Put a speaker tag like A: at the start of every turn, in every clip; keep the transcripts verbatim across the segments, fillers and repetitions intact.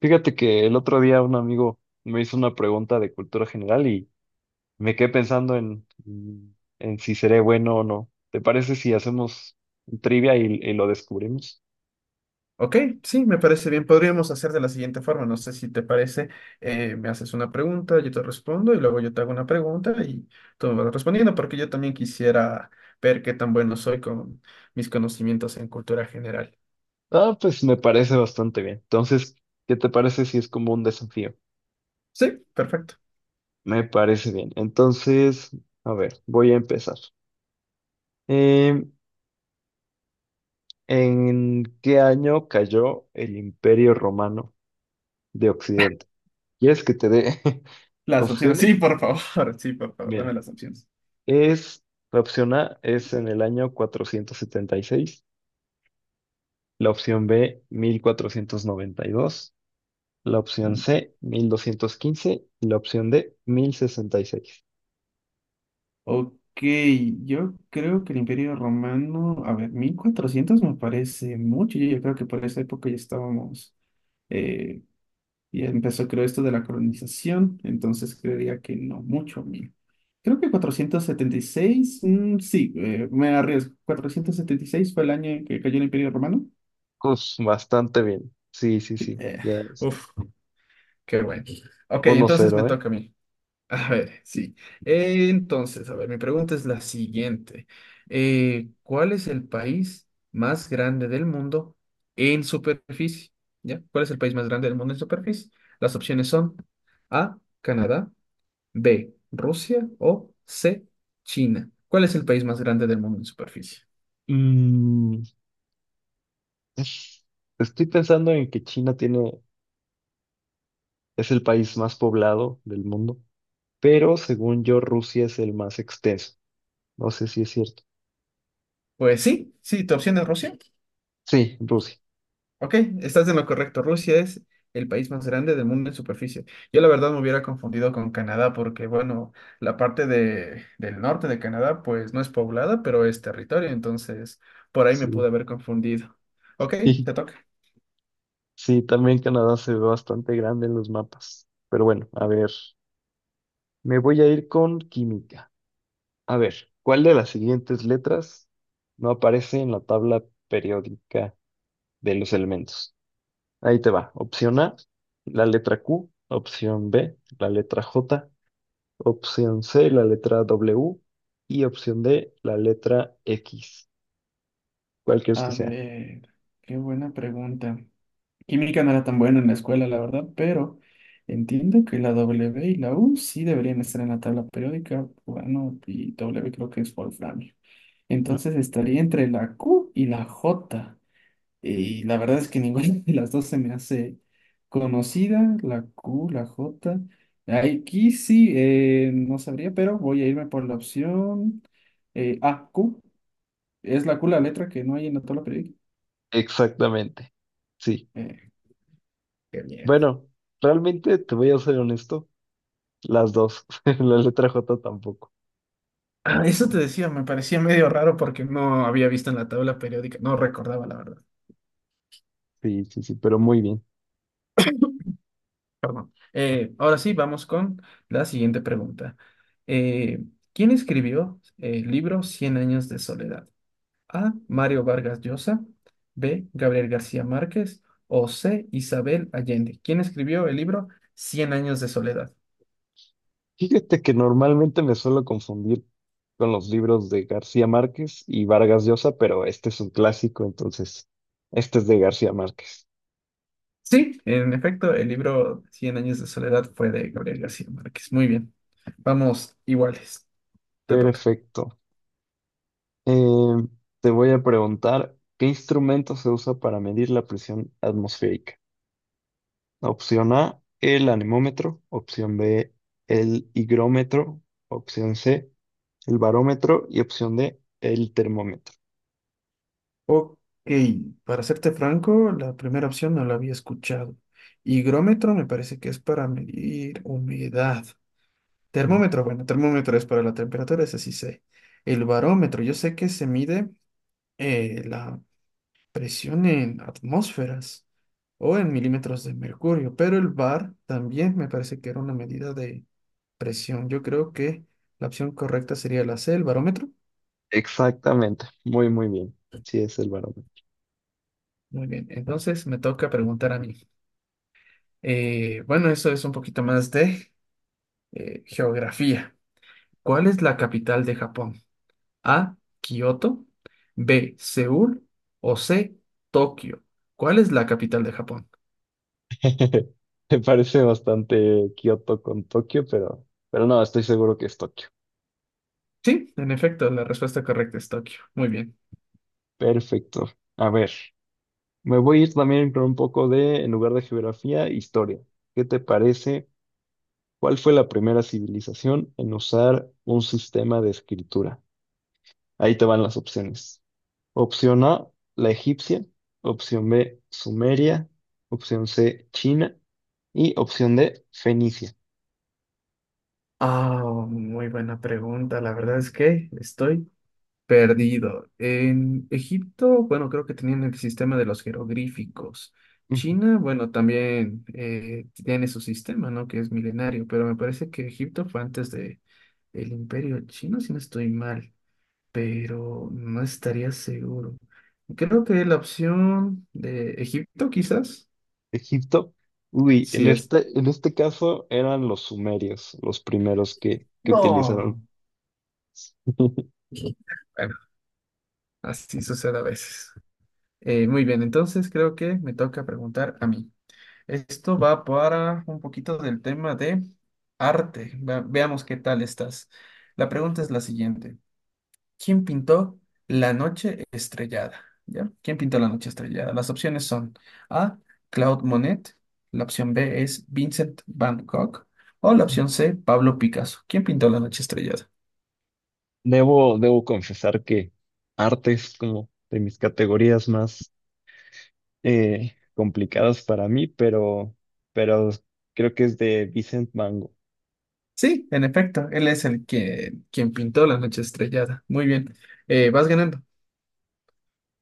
A: Fíjate que el otro día un amigo me hizo una pregunta de cultura general y me quedé pensando en, mm, en si seré bueno o no. ¿Te parece si hacemos un trivia y, y lo descubrimos?
B: Ok, sí, me parece bien. Podríamos hacer de la siguiente forma. No sé si te parece. Eh, me haces una pregunta, yo te respondo y luego yo te hago una pregunta y tú me vas respondiendo porque yo también quisiera ver qué tan bueno soy con mis conocimientos en cultura general.
A: Ah, pues me parece bastante bien. Entonces, ¿qué te parece si es como un desafío?
B: Sí, perfecto.
A: Me parece bien. Entonces, a ver, voy a empezar. Eh, ¿En qué año cayó el Imperio Romano de Occidente? ¿Quieres que te dé
B: Las opciones, sí,
A: opciones?
B: por favor, sí, por favor, dame
A: Mira.
B: las opciones.
A: Es, la opción A es en el año cuatrocientos setenta y seis, la opción B mil cuatrocientos noventa y dos, la opción
B: Mucho.
A: C mil doscientos quince y la opción D mil sesenta y seis.
B: Ok, yo creo que el Imperio Romano, a ver, mil cuatrocientos me parece mucho. Yo, yo creo que por esa época ya estábamos, eh, y empezó, creo, esto de la colonización, entonces creería que no mucho, mil. Creo que cuatrocientos setenta y seis, mm, sí, eh, me arriesgo. Cuatrocientos setenta y seis fue el año en que cayó el Imperio Romano.
A: Pues bastante bien. Sí, sí,
B: Sí,
A: sí,
B: eh,
A: ya es
B: uf, qué bueno. Ok,
A: uno
B: entonces me
A: cero, ¿eh?
B: toca a mí. A ver, sí. Eh, entonces, a ver, mi pregunta es la siguiente. Eh, ¿cuál es el país más grande del mundo en superficie? ¿Ya? ¿Cuál es el país más grande del mundo en superficie? Las opciones son A, Canadá; B, Rusia; o C, China. ¿Cuál es el país más grande del mundo en superficie?
A: Mm, es- estoy pensando en que China tiene, es el país más poblado del mundo, pero según yo Rusia es el más extenso. No sé si es cierto.
B: Pues sí, sí, tu opción es Rusia.
A: Sí, Rusia.
B: Ok, estás en lo correcto. Rusia es el país más grande del mundo en superficie. Yo la verdad me hubiera confundido con Canadá porque, bueno, la parte de, del norte de Canadá pues no es poblada, pero es territorio, entonces por ahí me
A: Sí.
B: pude haber confundido. Ok, te toca.
A: Sí, también Canadá se ve bastante grande en los mapas. Pero bueno, a ver, me voy a ir con química. A ver, ¿cuál de las siguientes letras no aparece en la tabla periódica de los elementos? Ahí te va. Opción A, la letra Q. Opción B, la letra J. Opción C, la letra W. Y opción D, la letra X. ¿Cuál crees que
B: A
A: sea?
B: ver, qué buena pregunta. Química no era tan buena en la escuela, la verdad, pero entiendo que la W y la U sí deberían estar en la tabla periódica. Bueno, y W creo que es wolframio. Entonces estaría entre la Q y la J. Y la verdad es que ninguna de las dos se me hace conocida, la Q, la J. Aquí sí, eh, no sabría, pero voy a irme por la opción eh, A, Q. Es la Q la letra que no hay en la tabla periódica.
A: Exactamente, sí.
B: Eh, Qué bien.
A: Bueno, realmente te voy a ser honesto. Las dos. La letra J tampoco.
B: Ah, eso te decía, me parecía medio raro porque no había visto en la tabla periódica, no recordaba la verdad,
A: Sí, sí, sí, pero muy bien.
B: perdón. Eh, ahora sí, vamos con la siguiente pregunta. Eh, ¿Quién escribió el libro Cien años de soledad? A. Mario Vargas Llosa, B. Gabriel García Márquez o C. Isabel Allende. ¿Quién escribió el libro Cien años de soledad?
A: Fíjate que normalmente me suelo confundir con los libros de García Márquez y Vargas Llosa, pero este es un clásico, entonces este es de García Márquez.
B: Sí, en efecto, el libro Cien años de soledad fue de Gabriel García Márquez. Muy bien, vamos iguales, te toca.
A: Perfecto. Eh, te voy a preguntar, ¿qué instrumento se usa para medir la presión atmosférica? Opción A, el anemómetro. Opción B, el higrómetro. Opción C, el barómetro. Y opción D, el termómetro.
B: Ok, para serte franco, la primera opción no la había escuchado. Higrómetro me parece que es para medir humedad. Termómetro, bueno, termómetro es para la temperatura, ese sí sé. El barómetro, yo sé que se mide eh, la presión en atmósferas o en milímetros de mercurio, pero el bar también me parece que era una medida de presión. Yo creo que la opción correcta sería la C, el barómetro.
A: Exactamente, muy muy bien. Sí, es el varón.
B: Muy bien, entonces me toca preguntar a mí. Eh, bueno, eso es un poquito más de eh, geografía. ¿Cuál es la capital de Japón? A, Kioto; B, Seúl; o C, Tokio. ¿Cuál es la capital de Japón?
A: Me parece bastante Kioto con Tokio, pero, pero no, estoy seguro que es Tokio.
B: Sí, en efecto, la respuesta correcta es Tokio. Muy bien.
A: Perfecto. A ver, me voy a ir también con un poco de, en lugar de geografía, historia. ¿Qué te parece? ¿Cuál fue la primera civilización en usar un sistema de escritura? Ahí te van las opciones. Opción A, la egipcia. Opción B, Sumeria. Opción C, China. Y opción D, Fenicia.
B: Ah, muy buena pregunta. La verdad es que estoy perdido. En Egipto, bueno, creo que tenían el sistema de los jeroglíficos. China, bueno, también eh, tiene su sistema, ¿no? Que es milenario, pero me parece que Egipto fue antes de el Imperio Chino, si no estoy mal, pero no estaría seguro. Creo que la opción de Egipto, quizás,
A: Egipto. Uy, en
B: sí es.
A: este, en este caso eran los sumerios los primeros que, que utilizaron.
B: No. Bueno, así sucede a veces. Eh, muy bien, entonces creo que me toca preguntar a mí. Esto va para un poquito del tema de arte. Ve- veamos qué tal estás. La pregunta es la siguiente. ¿Quién pintó La noche estrellada? ¿Ya? ¿Quién pintó La noche estrellada? Las opciones son A, Claude Monet; la opción B es Vincent Van Gogh; o la opción C, Pablo Picasso. ¿Quién pintó La noche estrellada?
A: Debo, debo confesar que arte es como de mis categorías más eh, complicadas para mí, pero, pero creo que es de Vincent Van Gogh.
B: Sí, en efecto, él es el que quien pintó La noche estrellada. Muy bien. Eh, vas ganando.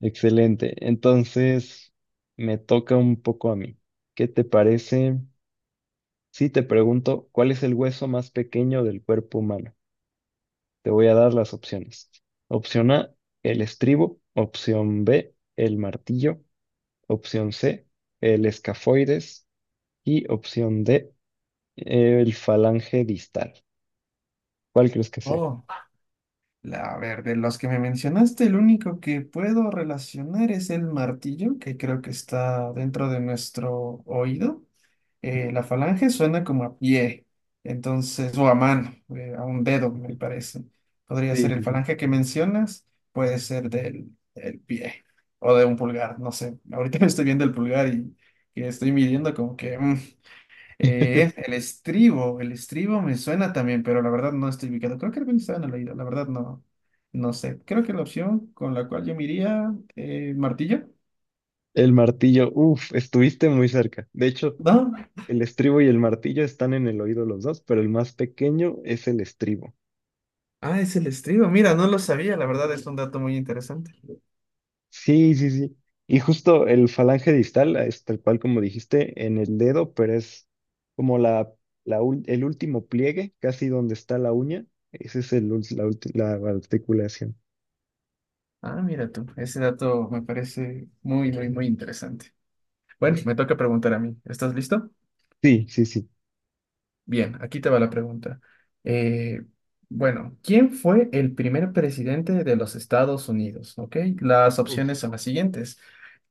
A: Excelente. Entonces, me toca un poco a mí. ¿Qué te parece si te pregunto cuál es el hueso más pequeño del cuerpo humano? Te voy a dar las opciones. Opción A, el estribo. Opción B, el martillo. Opción C, el escafoides. Y opción D, el falange distal. ¿Cuál crees que sea?
B: Oh. La, a ver, de los que me mencionaste, el único que puedo relacionar es el martillo, que creo que está dentro de nuestro oído. Eh, la falange suena como a pie, entonces, o a mano, eh, a un dedo, me parece. Podría
A: Sí,
B: ser el
A: sí, sí.
B: falange que mencionas, puede ser del, del pie o de un pulgar, no sé. Ahorita me estoy viendo el pulgar y, y estoy midiendo como que mm, eh, es el estribo, el estribo me suena también, pero la verdad no estoy ubicado. Creo que algún estaba en el oído, la verdad no, no sé. Creo que la opción con la cual yo me iría, eh, martillo.
A: El martillo, uff, estuviste muy cerca. De hecho,
B: No,
A: el estribo y el martillo están en el oído los dos, pero el más pequeño es el estribo.
B: ah, es el estribo. Mira, no lo sabía, la verdad es un dato muy interesante.
A: Sí, sí, sí. Y justo el falange distal es tal cual como dijiste en el dedo, pero es como la, la ul- el último pliegue, casi donde está la uña. Esa es el, ul- la, ulti- la articulación.
B: Ah, mira tú, ese dato me parece muy, muy, muy interesante. Bueno, me toca preguntar a mí. ¿Estás listo?
A: Sí, sí, sí.
B: Bien, aquí te va la pregunta. Eh, bueno, ¿quién fue el primer presidente de los Estados Unidos? ¿Ok? Las opciones
A: Uf,
B: son las siguientes.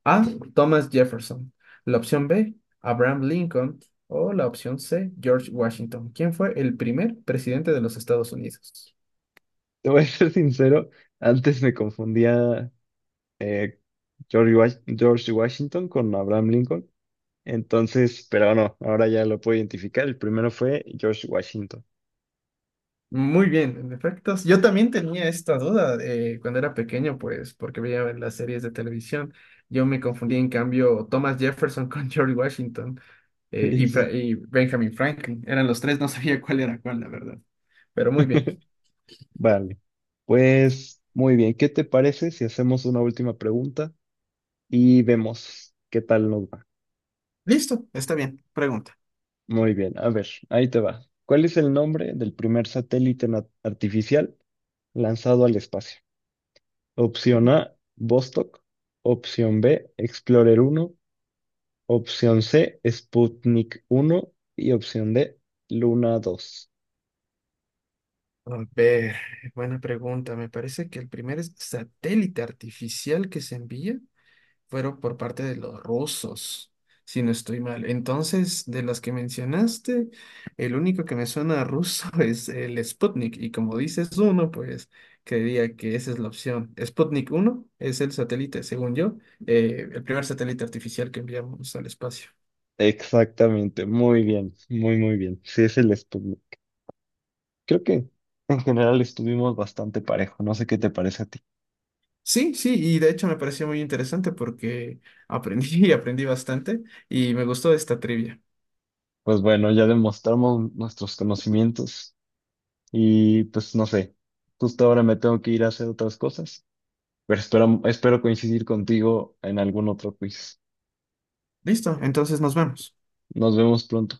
B: A. Thomas Jefferson. La opción B. Abraham Lincoln. O la opción C. George Washington. ¿Quién fue el primer presidente de los Estados Unidos?
A: te voy a ser sincero, antes me confundía eh, George, Wash- George Washington con Abraham Lincoln. Entonces, pero no, ahora ya lo puedo identificar. El primero fue George Washington.
B: Muy bien, en efecto. Yo también tenía esta duda eh, cuando era pequeño, pues, porque veía las series de televisión. Yo me confundí, en cambio, Thomas Jefferson con George Washington. Eh,
A: Sí,
B: y, Fra-
A: sí.
B: y Benjamin Franklin. Eran los tres, no sabía cuál era cuál, la verdad. Pero muy bien.
A: Vale, pues muy bien, ¿qué te parece si hacemos una última pregunta y vemos qué tal nos va?
B: Listo, está bien. Pregunta.
A: Muy bien, a ver, ahí te va. ¿Cuál es el nombre del primer satélite na- artificial lanzado al espacio?
B: Ya.
A: Opción A, Vostok. Opción B, Explorer uno. Opción C, Sputnik uno. Y opción D, Luna dos.
B: A ver, buena pregunta. Me parece que el primer es- satélite artificial que se envía fueron por parte de los rusos, si no estoy mal. Entonces, de las que mencionaste, el único que me suena a ruso es el Sputnik. Y como dices uno, pues creería que esa es la opción. Sputnik uno es el satélite, según yo, eh, el primer satélite artificial que enviamos al espacio.
A: Exactamente, muy bien, muy, muy bien. Sí, es el Sputnik. Creo que en general estuvimos bastante parejo, no sé qué te parece a ti.
B: Sí, sí, y de hecho me pareció muy interesante porque aprendí y aprendí bastante y me gustó esta trivia.
A: Pues bueno, ya demostramos nuestros conocimientos y pues no sé, justo ahora me tengo que ir a hacer otras cosas, pero espero, espero coincidir contigo en algún otro quiz.
B: Listo, entonces nos vemos.
A: Nos vemos pronto.